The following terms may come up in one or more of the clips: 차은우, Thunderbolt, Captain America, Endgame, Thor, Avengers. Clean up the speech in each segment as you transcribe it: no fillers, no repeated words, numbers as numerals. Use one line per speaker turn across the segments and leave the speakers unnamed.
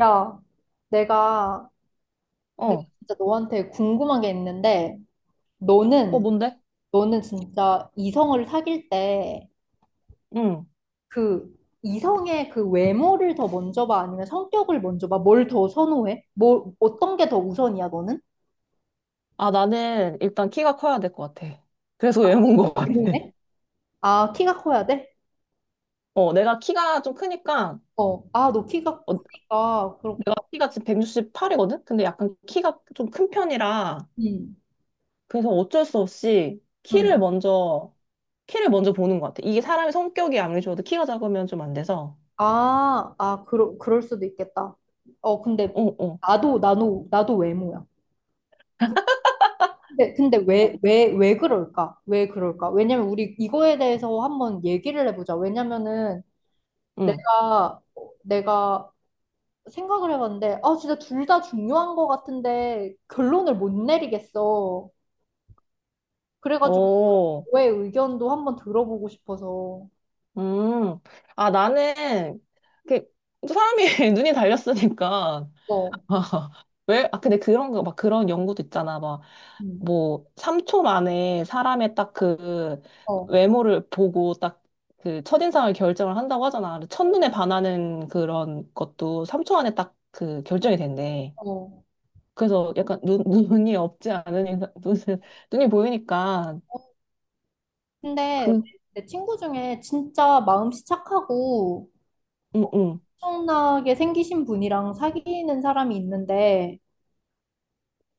야, 내가 내가
어,
진짜 너한테 궁금한 게 있는데 너는
뭔데?
너는 진짜 이성을 사귈 때
응.
그 이성의 그 외모를 더 먼저 봐, 아니면 성격을 먼저 봐? 뭘 더 선호해? 뭐 어떤 게 더 우선이야, 너는?
아, 나는 일단 키가 커야 될 것 같아. 그래서 외모인 것 같아.
외모네? 아, 키가 커야 돼?
내가 키가 좀 크니까,
어. 아, 너 키가
어,
크니까 그렇
내가 키가 지금 168이거든? 근데 약간 키가 좀 큰 편이라,
응,
그래서 어쩔 수 없이
응,
키를 먼저, 키를 먼저 보는 것 같아. 이게 사람의 성격이 아무리 좋아도 키가 작으면 좀 안 돼서.
아, 아, 그럴 수도 있겠다. 어, 근데
어, 어,
나도 외모야. 근데 왜 그럴까? 왜 그럴까? 왜냐면 우리 이거에 대해서 한번 얘기를 해보자. 왜냐면은
응.
내가, 내가 생각을 해봤는데, 아, 진짜 둘 다 중요한 것 같은데 결론을 못 내리겠어. 그래가지고
어,
너의 의견도 한번 들어보고 싶어서.
음. 아, 나는, 이렇게, 사람이 눈이 달렸으니까,
어,
왜? 아, 근데 그런 거, 막 그런 연구도 있잖아. 막,
음,
뭐, 3초 만에 사람의 딱 그
어,
외모를 보고 딱 그 첫인상을 결정을 한다고 하잖아. 근데
어.
첫눈에 반하는 그런 것도 3초 안에 딱 그 결정이 된대.
어.
그래서 약간 눈, 눈이 없지 않은 인상, 눈, 눈이 보이니까
근데
그,
내 친구 중에 진짜 마음씨 착하고
응, 응.
엄청나게 생기신 분이랑 사귀는 사람이 있는데,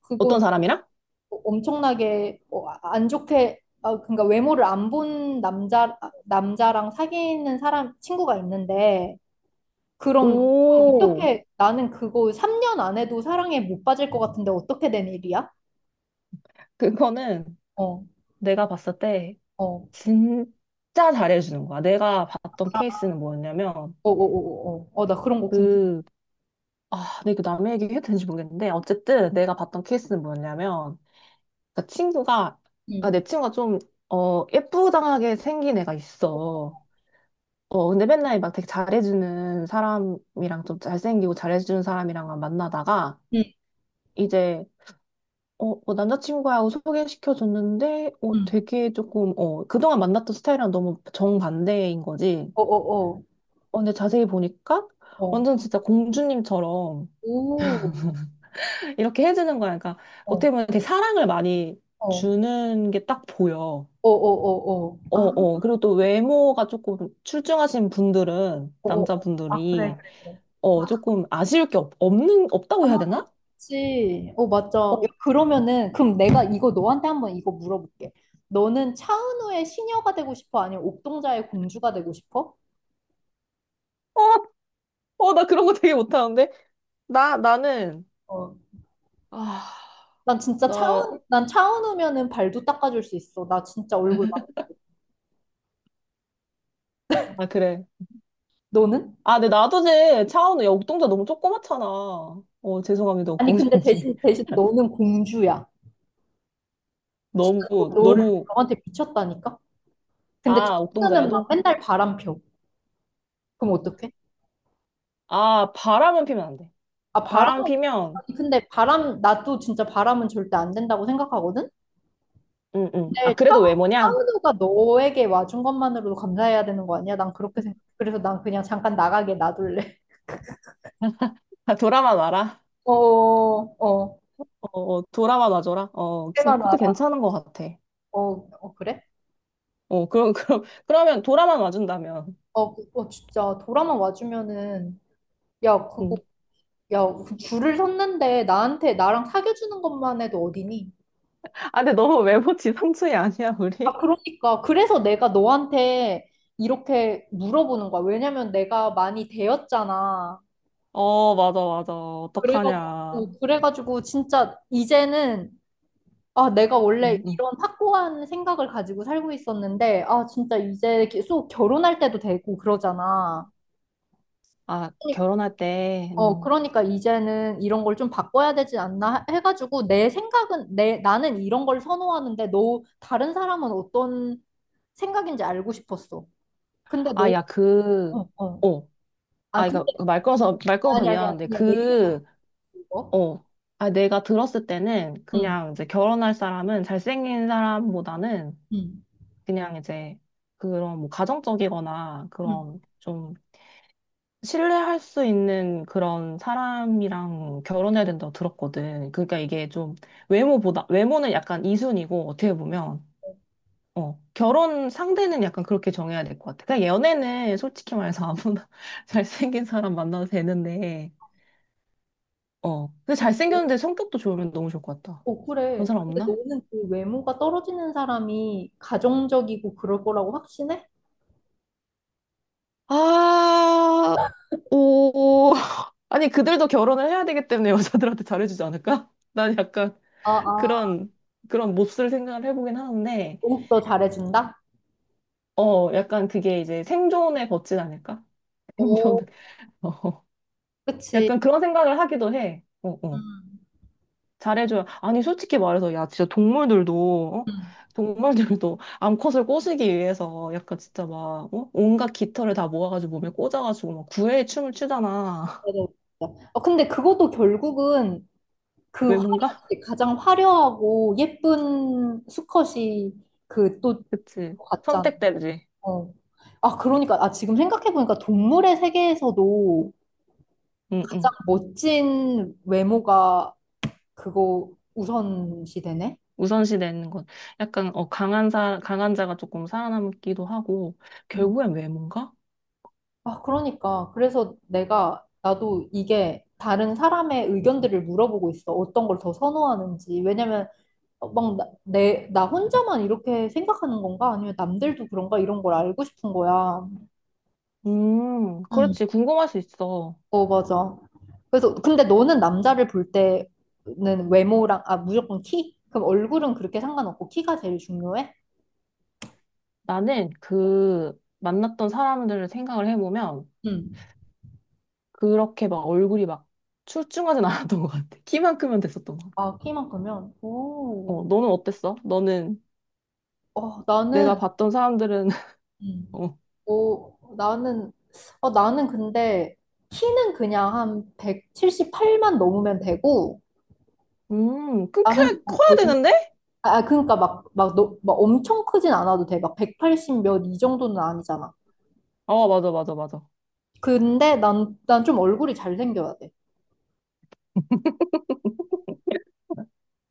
그건
어떤 사람이랑?
엄청나게 안 좋게 그러니까 외모를 안 본 남자랑 사귀는 사람 친구가 있는데, 그럼
오,
어떻게 나는 그거 3년 안 해도 사랑에 못 빠질 것 같은데 어떻게 된 일이야?
그거는
어,
내가 봤을 때
어, 어,
진짜 잘해주는 거야. 내가 봤던 케이스는 뭐였냐면,
어, 어, 어, 어, 어, 나 그런 거 궁금해.
그, 아, 근데 이거 남의 얘기 해도 되는지 모르겠는데, 어쨌든 내가 봤던 케이스는 뭐였냐면, 그 친구가, 아,
응,
내 친구가 좀, 예쁘장하게 생긴 애가 있어. 근데 맨날 막 되게 잘해주는 사람이랑 좀 잘생기고 잘해주는 사람이랑만 만나다가,
응,
이제, 어, 뭐 남자친구하고 소개시켜줬는데, 어,
응.
되게 조금, 어, 그동안 만났던 스타일이랑 너무 정반대인 거지.
어, 어,
근데 자세히 보니까,
어, 어,
완전 진짜 공주님처럼,
오,
이렇게 해주는 거야. 그러니까
어,
어떻게 보면 되게 사랑을 많이
어, 어,
주는 게 딱 보여.
어, 어, 어,
어,
아,
어. 그리고 또 외모가 조금 출중하신 분들은,
어, 어, 어. 아, 그래, 그래,
남자분들이,
그래.
어, 조금 아쉬울 게 없, 없는,
아.
없다고 해야 되나?
그치. 어, 맞아.
어,
야, 그럼 내가 이거 너한테 한번 이거 물어볼게. 너는 차은우의 시녀가 되고 싶어? 아니면 옥동자의 공주가 되고 싶어?
어, 어, 나 그런 거 되게 못하는데? 나는,
어.
아,
난 진짜
나,
차은우면은 발도 닦아줄 수 있어. 나 진짜 얼굴 막.
아, 그래.
너는?
아, 근데 나도 제 차은우, 야, 옥동자 너무 조그맣잖아. 어, 죄송합니다,
아니, 근데
옥동자님.
대신, 대신 너는 공주야. 진짜
너무,
너, 너를,
너무,
너한테 미쳤다니까? 근데
아,
차은우는 막
옥동자야도?
맨날 바람 펴. 그럼 어떡해?
아, 바람은 피면 안 돼.
아,
바람 피면,
아니, 근데 나도 진짜 바람은 절대 안 된다고 생각하거든?
응, 응. 아,
근데 차,
그래도 외모냐?
차은우가 너에게 와준 것만으로도 감사해야 되는 거 아니야? 난 그렇게 생각. 그래서 난 그냥 잠깐 나가게 놔둘래.
아, 돌아만 와라.
어, 어.
돌아만 와줘라. 어, 진-
그만
그것도
알아.
괜찮은 것 같아.
어, 어 그래?
어, 그럼, 그럼, 그러면 돌아만 와준다면.
어, 진짜 돌아만 와주면은, 야, 그거
응.
야 줄을 섰는데 나한테 나랑 사귀어주는 것만 해도 어디니?
아, 근데 너무 외모 지상주의 아니야,
아,
우리?
그러니까 그래서 내가 너한테 이렇게 물어보는 거야. 왜냐면 내가 많이 되었잖아.
어, 맞아, 맞아.
그래가지고
어떡하냐.
그래가지고 진짜 이제는, 아, 내가 원래
응, 응.
이런 확고한 생각을 가지고 살고 있었는데, 아, 진짜 이제 계속 결혼할 때도 되고 그러잖아.
아,
그러니-
결혼할 때,
그러니까 이제는 이런 걸 좀 바꿔야 되지 않나 해가지고, 내 생각은, 나는 이런 걸 선호하는데, 너, 다른 사람은 어떤 생각인지 알고 싶었어. 근데
아, 야, 그,
어, 어.
어,
아,
아,
근데,
이거 말 끊어서, 말 끊어서
아니, 아니, 아니,
미안한데,
그냥 얘기해봐,
그,
이거.
어. 아, 내가 들었을 때는
응,
그냥 이제 결혼할 사람은 잘생긴 사람보다는
응,
그냥 이제 그런 뭐 가정적이거나
응.
그런 좀 신뢰할 수 있는 그런 사람이랑 결혼해야 된다고 들었거든. 그러니까 이게 좀 외모보다, 외모는 약간 이순이고 어떻게 보면, 어, 결혼 상대는 약간 그렇게 정해야 될 것 같아. 그냥 연애는 솔직히 말해서 아무나 잘생긴 사람 만나도 되는데, 어. 근데 잘생겼는데 성격도 좋으면 너무 좋을 것 같다.
어,
그런
그래.
사람
근데
없나?
너는 그 외모가 떨어지는 사람이 가정적이고 그럴 거라고 확신해?
아, 오, 아니, 그들도 결혼을 해야 되기 때문에 여자들한테 잘해주지 않을까? 난 약간
아, 아,
그런, 그런 몹쓸 생각을 해보긴 하는데,
목욕도 잘해준다?
어, 약간 그게 이제 생존에 걷진 않을까? 생존,
오,
어,
그치.
약간 그런 생각을 하기도 해. 어, 어.
음,
잘해줘야. 아니, 솔직히 말해서, 야, 진짜 동물들도, 어?
음.
동물들도 암컷을 꼬시기 위해서 약간 진짜 막, 어? 온갖 깃털을 다 모아가지고 몸에 꽂아가지고 막 구애의 춤을 추잖아.
네네. 어, 근데 그것도 결국은 그
왜
화려,
뭔가?
가장 화려하고 예쁜 수컷이 그 또
그치.
같잖아.
선택되지.
어. 아, 그러니까, 아, 지금 생각해보니까 동물의 세계에서도
응응.
가장 멋진 외모가 그거 우선시 되네?
우선시 되는 건 약간 강한 사 강한 자가 조금 살아남기도 하고 결국엔 외모인가?
아, 그러니까. 그래서 나도 이게 다른 사람의 의견들을 물어보고 있어. 어떤 걸 더 선호하는지. 왜냐면, 어, 막, 나 혼자만 이렇게 생각하는 건가? 아니면 남들도 그런가? 이런 걸 알고 싶은 거야. 응.
그렇지. 궁금할 수 있어.
어, 맞아. 그래서, 근데 너는 남자를 볼 때는 외모랑, 아, 무조건 키? 그럼 얼굴은 그렇게 상관없고 키가 제일 중요해?
나는 그 만났던 사람들을 생각을 해보면
응.
그렇게 막 얼굴이 막 출중하진 않았던 것 같아. 키만 크면 됐었던 것 같아.
아, 키만 크면? 오.
어, 너는 어땠어? 너는
어,
내가 봤던 사람들은
음.
어,
오, 나는, 나는 근데 키는 그냥 한 178만 넘으면 되고,
큰 커야,
어, 어,
커야 되는데?
아, 아, 그러니까 막 엄청 크진 않아도 돼. 막 180 몇 이 정도는 아니잖아.
어, 맞아, 맞아, 맞아.
근데 난 좀 얼굴이 잘생겨야 돼.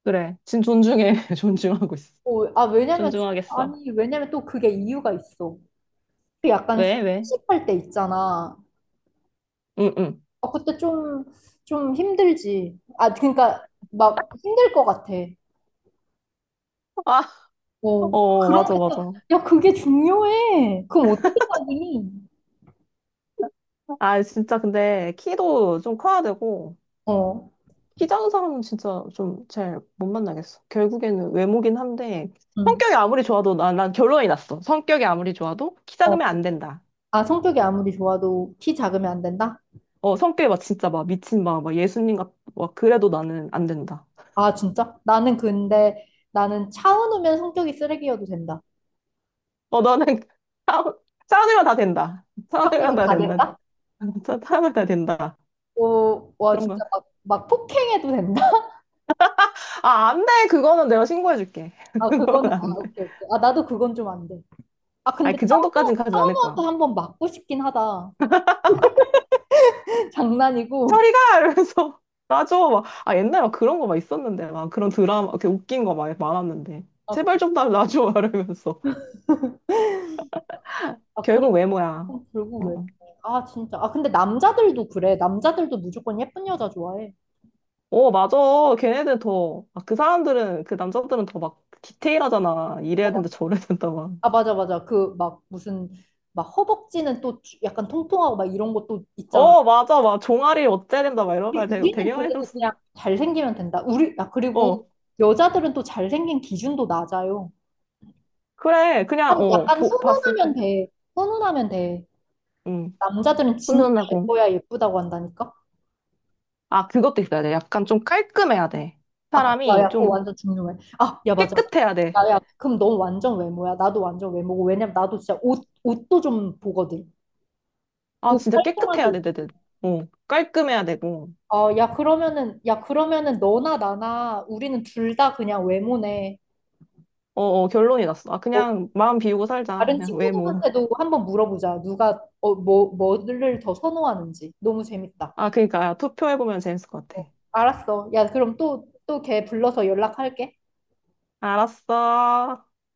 그래. 진 존중해. 존중하고 있어.
어, 아, 왜냐면,
존중하겠어.
아니, 왜냐면 또 그게 이유가 있어. 그 약간
왜? 왜?
습할 때 있잖아.
응, 응.
아, 그때 좀 힘들지. 아, 그러니까 막 힘들 것 같아.
아
어.
어,
그런
맞아,
것도,
맞아.
야, 그게 중요해. 그럼 어떻게 따지니?
아, 진짜 근데 키도 좀 커야 되고,
어,
키 작은 사람은 진짜 좀 잘 못 만나겠어. 결국에는 외모긴 한데,
응,
성격이 아무리 좋아도 난 결론이 났어. 성격이 아무리 좋아도 키
어.
작으면 안 된다.
아, 성격이 아무리 좋아도 키 작으면 안 된다?
어, 성격이 막 진짜 막 미친 막, 막 예수님 같, 막 그래도 나는 안 된다.
아, 진짜? 나는 근데, 나는 차은우면 성격이 쓰레기여도 된다.
어, 나는 사- 사람이면 다 된다.
평우
사람이면
면
다
다
된다.
된다?
진짜 사람이면 다 된다.
어, 와,
그런 거.
진짜 막, 막 폭행해도 된다?
아, 안 돼. 그거는 내가 신고해줄게.
아,
그거는
그거는, 아,
안 돼.
오케이, 오케이. 아, 나도 그건 좀 안 돼. 아,
아니,
근데
그 정도까진
차은우,
가진 않을
차은우한테
거야.
한번 맞고 싶긴 하다. 장난이고.
저리가! 이러면서 놔줘. 막, 아, 옛날에 막 그런 거 막 있었는데, 막 그런 드라마, 이렇게 웃긴 거 막 많았는데.
아,
제발 좀 나 놔줘. 막 이러면서.
아, 그래.
결국 외모야.
어, 결국 왜?
어,
아, 진짜. 아, 근데 남자들도 그래. 남자들도 무조건 예쁜 여자 좋아해.
어, 맞아. 걔네들 더, 아, 그 사람들은, 그 남자들은 더 막 디테일하잖아.
어,
이래야 된다, 저래야 된다, 막.
아, 맞아, 맞아. 그, 막, 무슨, 막, 허벅지는 또 약간 통통하고 막 이런 것도 있잖아.
어, 맞아. 막 종아리 어째야 된다, 막 이런
우리,
말 되게,
우리는
되게 많이
그래도
들었어.
그냥 잘생기면 된다. 우리, 아, 그리고
어,
여자들은 또 잘생긴 기준도 낮아요.
그래. 그냥, 어,
약간
보, 봤을
훈훈하면
때.
돼. 훈훈하면 돼.
응.
남자들은 진짜
훈련하고.
예뻐야 예쁘다고 한다니까?
아, 그것도 있어야 돼. 약간 좀 깔끔해야 돼.
아, 야,
사람이
야, 그거
좀
완전 중요해. 아, 야, 맞아.
깨끗해야 돼.
야, 야, 그럼 넌 완전 외모야. 나도 완전 외모고. 왜냐면 나도 진짜 옷도 좀 보거든.
아,
옷
진짜
깔끔하게.
깨끗해야 돼, 내. 어, 깔끔해야 되고.
어, 야, 그러면은, 야, 그러면은 너나 나나 우리는 둘 다 그냥 외모네.
어, 어, 결론이 났어. 아,
어,
그냥 마음 비우고 살자.
다른
그냥 왜 뭐.
친구들한테도 한번 물어보자. 누가, 뭐를 더 선호하는지. 너무 재밌다.
아, 그러니까 야, 투표해보면 재밌을 것 같아.
알았어. 야, 그럼 또, 또 걔 불러서 연락할게.
알았어.